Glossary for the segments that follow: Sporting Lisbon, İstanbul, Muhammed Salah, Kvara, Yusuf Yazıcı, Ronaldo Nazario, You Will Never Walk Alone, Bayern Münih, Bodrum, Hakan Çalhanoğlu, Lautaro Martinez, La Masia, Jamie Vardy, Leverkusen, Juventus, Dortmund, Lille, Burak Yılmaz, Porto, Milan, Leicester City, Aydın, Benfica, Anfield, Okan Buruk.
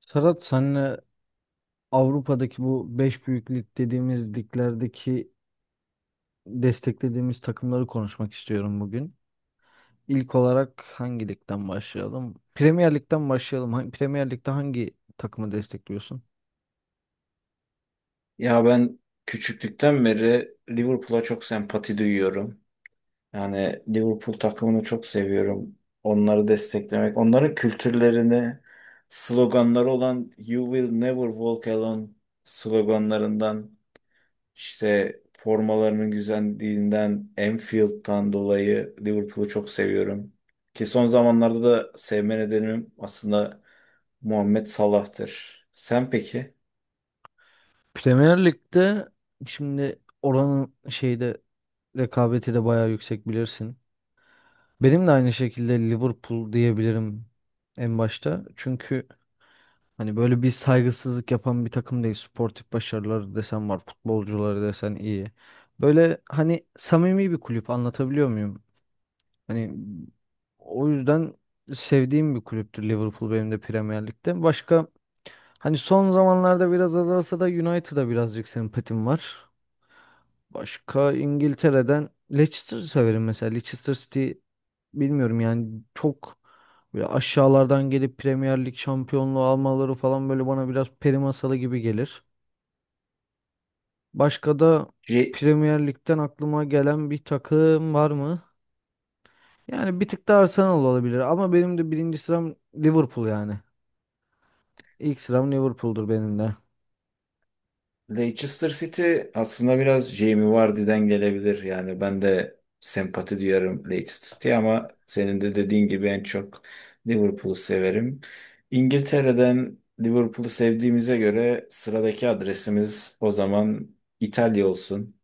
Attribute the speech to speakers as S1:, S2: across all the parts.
S1: Serhat senle Avrupa'daki bu 5 büyük lig dediğimiz liglerdeki desteklediğimiz takımları konuşmak istiyorum bugün. İlk olarak hangi ligden başlayalım? Premier Lig'den başlayalım. Premier Lig'de hangi takımı destekliyorsun?
S2: Ya ben küçüklükten beri Liverpool'a çok sempati duyuyorum. Yani Liverpool takımını çok seviyorum. Onları desteklemek, onların kültürlerini, sloganları olan You Will Never Walk Alone sloganlarından, işte formalarının güzelliğinden, Anfield'dan dolayı Liverpool'u çok seviyorum. Ki son zamanlarda da sevme nedenim aslında Muhammed Salah'tır. Sen peki?
S1: Premier Lig'de şimdi oranın şeyde rekabeti de bayağı yüksek bilirsin. Benim de aynı şekilde Liverpool diyebilirim en başta. Çünkü hani böyle bir saygısızlık yapan bir takım değil. Sportif başarıları desen var, futbolcuları desen iyi. Böyle hani samimi bir kulüp, anlatabiliyor muyum? Hani o yüzden sevdiğim bir kulüptür Liverpool benim de Premier Lig'de. Başka hani son zamanlarda biraz azalsa da United'a birazcık sempatim var. Başka İngiltere'den Leicester'ı severim mesela. Leicester City, bilmiyorum yani, çok böyle aşağılardan gelip Premier Lig şampiyonluğu almaları falan böyle bana biraz peri masalı gibi gelir. Başka da Premier Lig'den aklıma gelen bir takım var mı? Yani bir tık da Arsenal olabilir ama benim de birinci sıram Liverpool yani. İlk sıram Liverpool'dur benim de.
S2: Leicester City aslında biraz Jamie Vardy'den gelebilir. Yani ben de sempati duyarım Leicester City'ye ama senin de dediğin gibi en çok Liverpool'u severim. İngiltere'den Liverpool'u sevdiğimize göre sıradaki adresimiz o zaman İtalya olsun.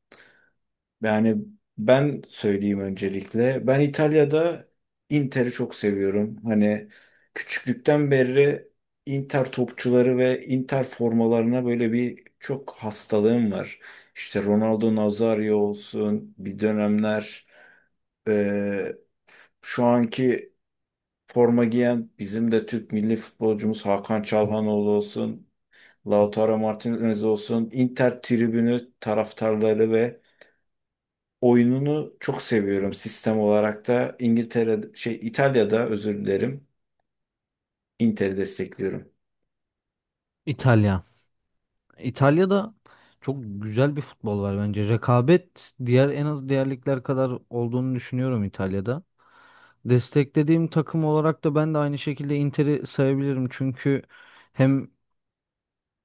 S2: Yani ben söyleyeyim öncelikle. Ben İtalya'da Inter'i çok seviyorum. Hani küçüklükten beri Inter topçuları ve Inter formalarına böyle bir çok hastalığım var. İşte Ronaldo Nazario olsun bir dönemler eee, şu anki forma giyen bizim de Türk milli futbolcumuz Hakan Çalhanoğlu olsun, Lautaro Martinez olsun, Inter tribünü taraftarları ve oyununu çok seviyorum sistem olarak da İngiltere şey İtalya'da özür dilerim Inter'i destekliyorum.
S1: İtalya. İtalya'da çok güzel bir futbol var bence. Rekabet diğer en az diğer ligler kadar olduğunu düşünüyorum İtalya'da. Desteklediğim takım olarak da ben de aynı şekilde Inter'i sayabilirim. Çünkü hem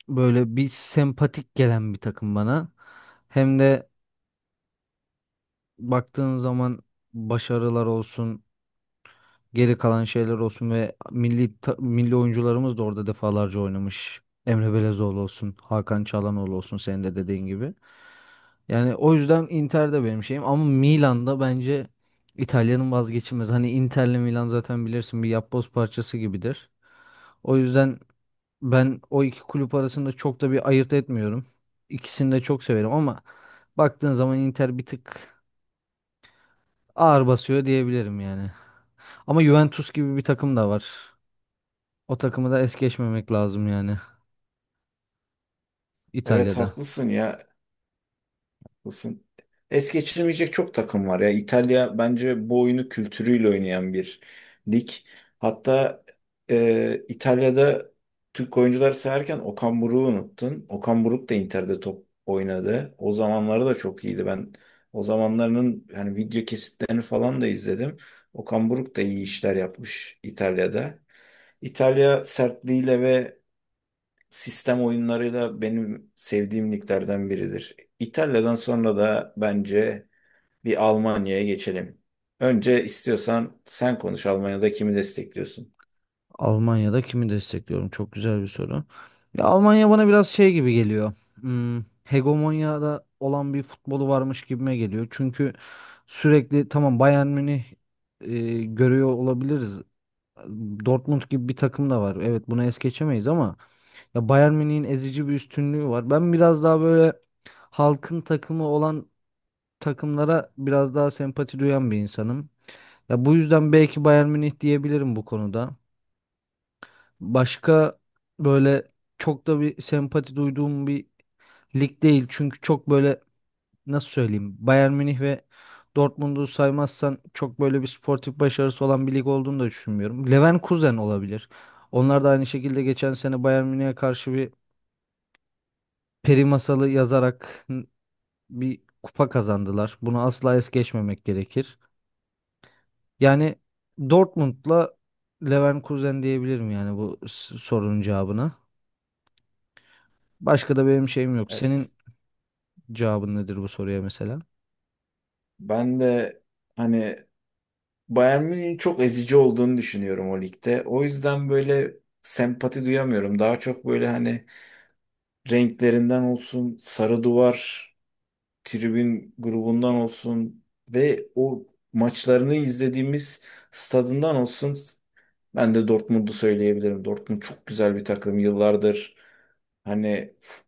S1: böyle bir sempatik gelen bir takım bana, hem de baktığın zaman başarılar olsun, geri kalan şeyler olsun, ve milli milli oyuncularımız da orada defalarca oynamış. Emre Belezoğlu olsun, Hakan Çalhanoğlu olsun senin de dediğin gibi. Yani o yüzden Inter de benim şeyim ama Milan'da bence İtalya'nın vazgeçilmez. Hani Inter'le Milan zaten bilirsin bir yapboz parçası gibidir. O yüzden ben o iki kulüp arasında çok da bir ayırt etmiyorum. İkisini de çok severim ama baktığın zaman Inter bir tık ağır basıyor diyebilirim yani. Ama Juventus gibi bir takım da var. O takımı da es geçmemek lazım yani.
S2: Evet,
S1: İtalya'da.
S2: haklısın ya. Haklısın. Es geçirmeyecek çok takım var ya. İtalya bence bu oyunu kültürüyle oynayan bir lig. Hatta İtalya'da Türk oyuncular sayarken Okan Buruk'u unuttun. Okan Buruk da Inter'de top oynadı. O zamanları da çok iyiydi. Ben o zamanlarının hani video kesitlerini falan da izledim. Okan Buruk da iyi işler yapmış İtalya'da. İtalya sertliğiyle ve sistem oyunlarıyla benim sevdiğim liglerden biridir. İtalya'dan sonra da bence bir Almanya'ya geçelim. Önce istiyorsan sen konuş, Almanya'da kimi destekliyorsun?
S1: Almanya'da kimi destekliyorum? Çok güzel bir soru. Ya Almanya bana biraz şey gibi geliyor. Hmm, hegemonyada olan bir futbolu varmış gibime geliyor. Çünkü sürekli tamam Bayern Münih görüyor olabiliriz. Dortmund gibi bir takım da var. Evet bunu es geçemeyiz ama ya Bayern Münih'in ezici bir üstünlüğü var. Ben biraz daha böyle halkın takımı olan takımlara biraz daha sempati duyan bir insanım. Ya bu yüzden belki Bayern Münih diyebilirim bu konuda. Başka böyle çok da bir sempati duyduğum bir lig değil. Çünkü çok böyle, nasıl söyleyeyim, Bayern Münih ve Dortmund'u saymazsan çok böyle bir sportif başarısı olan bir lig olduğunu da düşünmüyorum. Leverkusen olabilir. Onlar da aynı şekilde geçen sene Bayern Münih'e karşı bir peri masalı yazarak bir kupa kazandılar. Bunu asla es geçmemek gerekir. Yani Dortmund'la Leverkusen diyebilirim yani bu sorunun cevabına. Başka da benim şeyim yok. Senin
S2: Evet.
S1: cevabın nedir bu soruya mesela?
S2: Ben de hani Bayern Münih'in çok ezici olduğunu düşünüyorum o ligde. O yüzden böyle sempati duyamıyorum. Daha çok böyle hani renklerinden olsun, sarı duvar, tribün grubundan olsun ve o maçlarını izlediğimiz stadından olsun, ben de Dortmund'u söyleyebilirim. Dortmund çok güzel bir takım. Yıllardır hani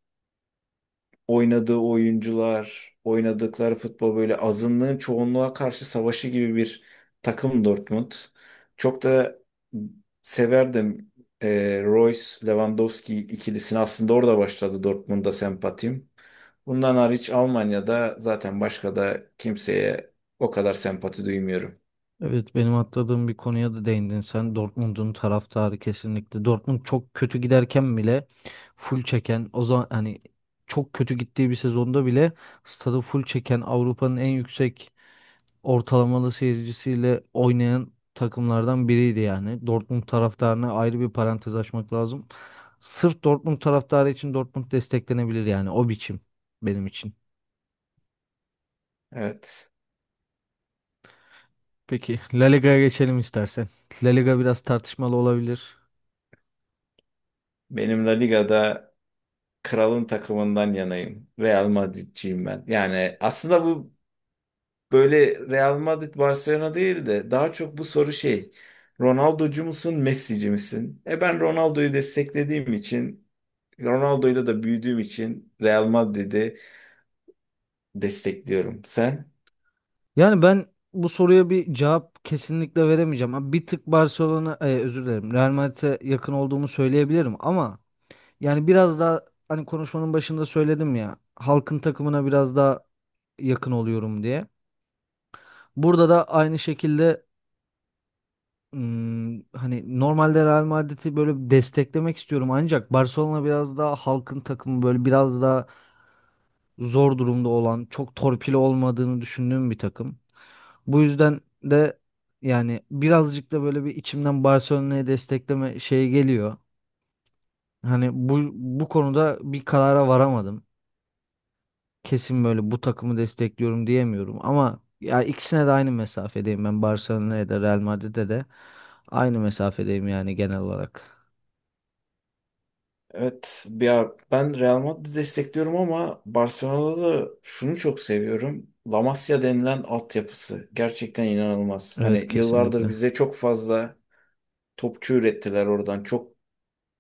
S2: oynadığı oyuncular, oynadıkları futbol böyle azınlığın çoğunluğa karşı savaşı gibi bir takım Dortmund. Çok da severdim Royce Lewandowski ikilisini. Aslında orada başladı Dortmund'a sempatim. Bundan hariç Almanya'da zaten başka da kimseye o kadar sempati duymuyorum.
S1: Evet benim atladığım bir konuya da değindin sen. Dortmund'un taraftarı kesinlikle. Dortmund çok kötü giderken bile full çeken, o zaman hani çok kötü gittiği bir sezonda bile stadı full çeken, Avrupa'nın en yüksek ortalamalı seyircisiyle oynayan takımlardan biriydi yani. Dortmund taraftarına ayrı bir parantez açmak lazım. Sırf Dortmund taraftarı için Dortmund desteklenebilir yani, o biçim benim için.
S2: Evet.
S1: Peki La Liga'ya geçelim istersen. La Liga biraz tartışmalı olabilir.
S2: Benim La Liga'da kralın takımından yanayım. Real Madridciyim ben. Yani aslında bu böyle Real Madrid Barcelona değil de daha çok bu soru şey. Ronaldocu musun, Messi'ci misin? E, ben Ronaldo'yu desteklediğim için, Ronaldo'yla da büyüdüğüm için Real Madrid'i destekliyorum. Sen?
S1: Yani ben bu soruya bir cevap kesinlikle veremeyeceğim. Ha, bir tık Barcelona, özür dilerim, Real Madrid'e yakın olduğumu söyleyebilirim ama yani biraz daha, hani konuşmanın başında söyledim ya, halkın takımına biraz daha yakın oluyorum diye. Burada da aynı şekilde, hmm, hani normalde Real Madrid'i böyle desteklemek istiyorum ancak Barcelona biraz daha halkın takımı, böyle biraz daha zor durumda olan, çok torpili olmadığını düşündüğüm bir takım. Bu yüzden de yani birazcık da böyle bir içimden Barcelona'yı destekleme şeyi geliyor. Hani bu konuda bir karara varamadım. Kesin böyle bu takımı destekliyorum diyemiyorum ama ya ikisine de aynı mesafedeyim, ben Barcelona'ya da Real Madrid'e de aynı mesafedeyim yani genel olarak.
S2: Evet, ya ben Real Madrid'i destekliyorum ama Barcelona'da da şunu çok seviyorum. La Masia denilen altyapısı gerçekten inanılmaz.
S1: Evet
S2: Hani yıllardır
S1: kesinlikle.
S2: bize çok fazla topçu ürettiler oradan. Çok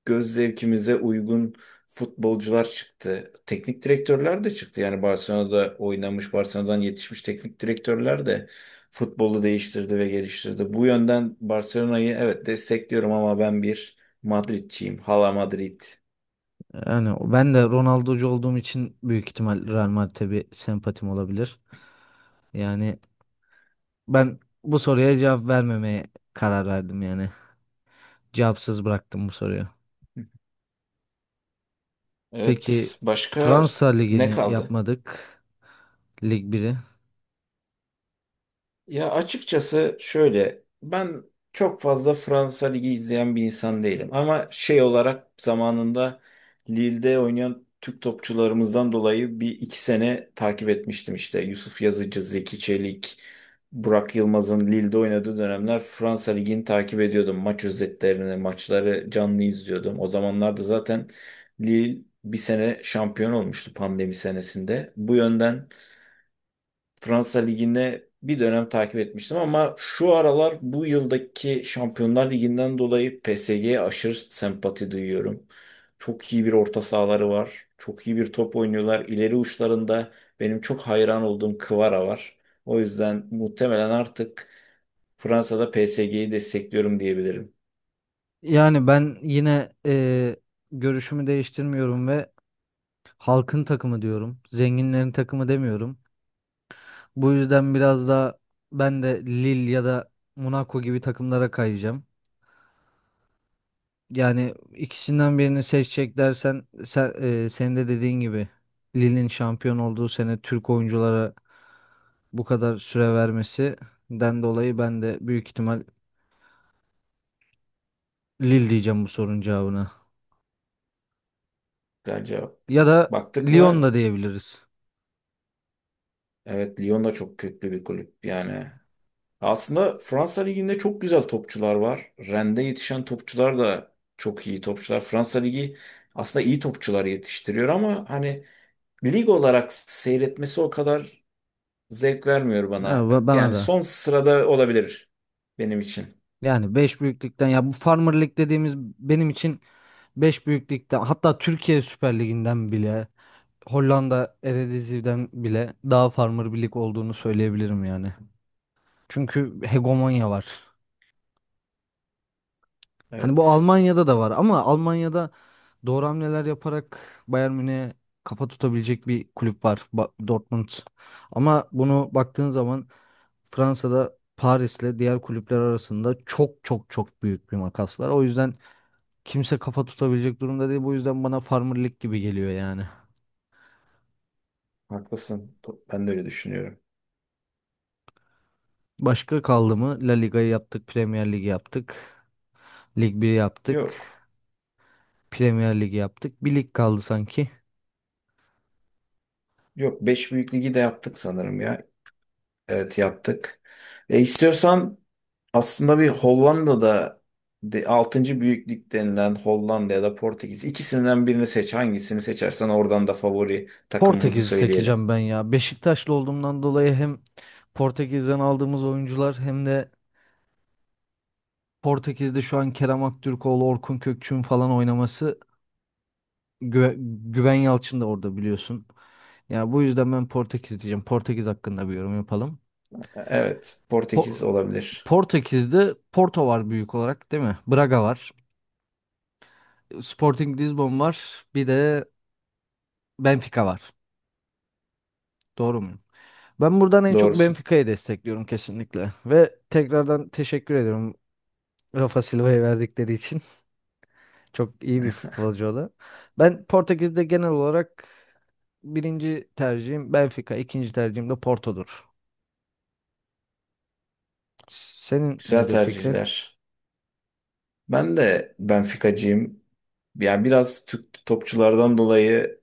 S2: göz zevkimize uygun futbolcular çıktı. Teknik direktörler de çıktı. Yani Barcelona'da oynamış, Barcelona'dan yetişmiş teknik direktörler de futbolu değiştirdi ve geliştirdi. Bu yönden Barcelona'yı evet destekliyorum ama ben bir Madridçiyim. Hala Madrid.
S1: Yani ben de Ronaldo'cu olduğum için büyük ihtimal Real Madrid'e bir sempatim olabilir. Yani ben bu soruya cevap vermemeye karar verdim yani. Cevapsız bıraktım bu soruyu. Peki
S2: Evet, başka
S1: Fransa
S2: ne
S1: Ligi'ni
S2: kaldı?
S1: yapmadık. Lig biri.
S2: Ya açıkçası şöyle, ben çok fazla Fransa Ligi izleyen bir insan değilim. Ama şey olarak zamanında Lille'de oynayan Türk topçularımızdan dolayı bir iki sene takip etmiştim işte. Yusuf Yazıcı, Zeki Çelik, Burak Yılmaz'ın Lille'de oynadığı dönemler Fransa Ligi'ni takip ediyordum. Maç özetlerini, maçları canlı izliyordum. O zamanlarda zaten Lille bir sene şampiyon olmuştu pandemi senesinde. Bu yönden Fransa Ligi'ne bir dönem takip etmiştim ama şu aralar bu yıldaki Şampiyonlar Ligi'nden dolayı PSG'ye aşırı sempati duyuyorum. Çok iyi bir orta sahaları var. Çok iyi bir top oynuyorlar. İleri uçlarında benim çok hayran olduğum Kvara var. O yüzden muhtemelen artık Fransa'da PSG'yi destekliyorum diyebilirim.
S1: Yani ben yine görüşümü değiştirmiyorum ve halkın takımı diyorum. Zenginlerin takımı demiyorum. Bu yüzden biraz da ben de Lille ya da Monaco gibi takımlara kayacağım. Yani ikisinden birini seçecek dersen sen, senin de dediğin gibi Lille'in şampiyon olduğu sene Türk oyunculara bu kadar süre vermesinden dolayı ben de büyük ihtimal Lille diyeceğim bu sorunun cevabına.
S2: Güzel cevap.
S1: Ya da
S2: Baktık
S1: Lyon
S2: mı?
S1: da diyebiliriz.
S2: Evet, Lyon da çok köklü bir kulüp. Yani aslında Fransa Ligi'nde çok güzel topçular var. Rende yetişen topçular da çok iyi topçular. Fransa Ligi aslında iyi topçular yetiştiriyor ama hani lig olarak seyretmesi o kadar zevk vermiyor
S1: Ya,
S2: bana.
S1: bana
S2: Yani son
S1: da.
S2: sırada olabilir benim için.
S1: Yani 5 büyüklükten, ya bu Farmer Lig dediğimiz benim için, beş büyük ligden, hatta Türkiye Süper Ligi'nden bile, Hollanda Eredivisie'den bile daha farmer bir lig olduğunu söyleyebilirim yani. Çünkü hegemonya var. Hani bu
S2: Evet,
S1: Almanya'da da var ama Almanya'da doğru hamleler yaparak Bayern Münih'e kafa tutabilecek bir kulüp var, Dortmund. Ama bunu baktığın zaman Fransa'da Paris'le diğer kulüpler arasında çok çok çok büyük bir makas var. O yüzden kimse kafa tutabilecek durumda değil. Bu yüzden bana Farmer Lig gibi geliyor yani.
S2: haklısın. Ben de öyle düşünüyorum.
S1: Başka kaldı mı? La Liga'yı yaptık, Premier Lig'i yaptık. Lig biri yaptık,
S2: Yok.
S1: Premier Lig'i yaptık. Bir lig kaldı sanki.
S2: Yok, beş büyük ligi de yaptık sanırım ya. Evet yaptık. E, istiyorsan aslında bir Hollanda'da de altıncı büyüklük denilen Hollanda ya da Portekiz ikisinden birini seç. Hangisini seçersen oradan da favori takımımızı
S1: Portekiz'i
S2: söyleyelim.
S1: seçeceğim ben ya. Beşiktaşlı olduğumdan dolayı hem Portekiz'den aldığımız oyuncular, hem de Portekiz'de şu an Kerem Aktürkoğlu, Orkun Kökçü'nün falan oynaması, Gü- Güven Yalçın da orada biliyorsun. Ya bu yüzden ben Portekiz diyeceğim. Portekiz hakkında bir yorum yapalım.
S2: E, evet, Portekiz
S1: Po-
S2: olabilir.
S1: Portekiz'de Porto var büyük olarak, değil mi? Braga var. Sporting Lisbon var. Bir de Benfica var. Doğru muyum? Ben buradan en çok
S2: Doğrusun.
S1: Benfica'yı destekliyorum kesinlikle. Ve tekrardan teşekkür ediyorum Rafa Silva'ya verdikleri için. Çok iyi bir futbolcu o da. Ben Portekiz'de genel olarak birinci tercihim Benfica, ikinci tercihim de Porto'dur. Senin
S2: Güzel
S1: nedir fikrin?
S2: tercihler. Ben de Benfica'cıyım. Yani biraz Türk topçulardan dolayı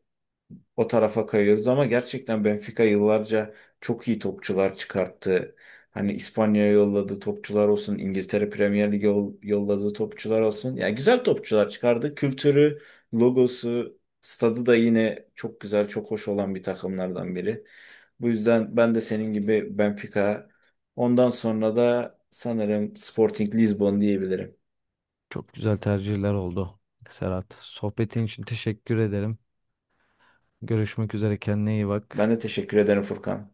S2: o tarafa kayıyoruz ama gerçekten Benfica yıllarca çok iyi topçular çıkarttı. Hani İspanya'ya yolladığı topçular olsun, İngiltere Premier Lig'e yolladığı topçular olsun. Yani güzel topçular çıkardı. Kültürü, logosu, stadı da yine çok güzel, çok hoş olan bir takımlardan biri. Bu yüzden ben de senin gibi Benfica. Ondan sonra da sanırım Sporting Lisbon diyebilirim.
S1: Çok güzel tercihler oldu Serhat. Sohbetin için teşekkür ederim. Görüşmek üzere, kendine iyi bak.
S2: Ben de teşekkür ederim Furkan.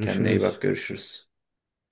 S2: Kendine iyi bak, görüşürüz.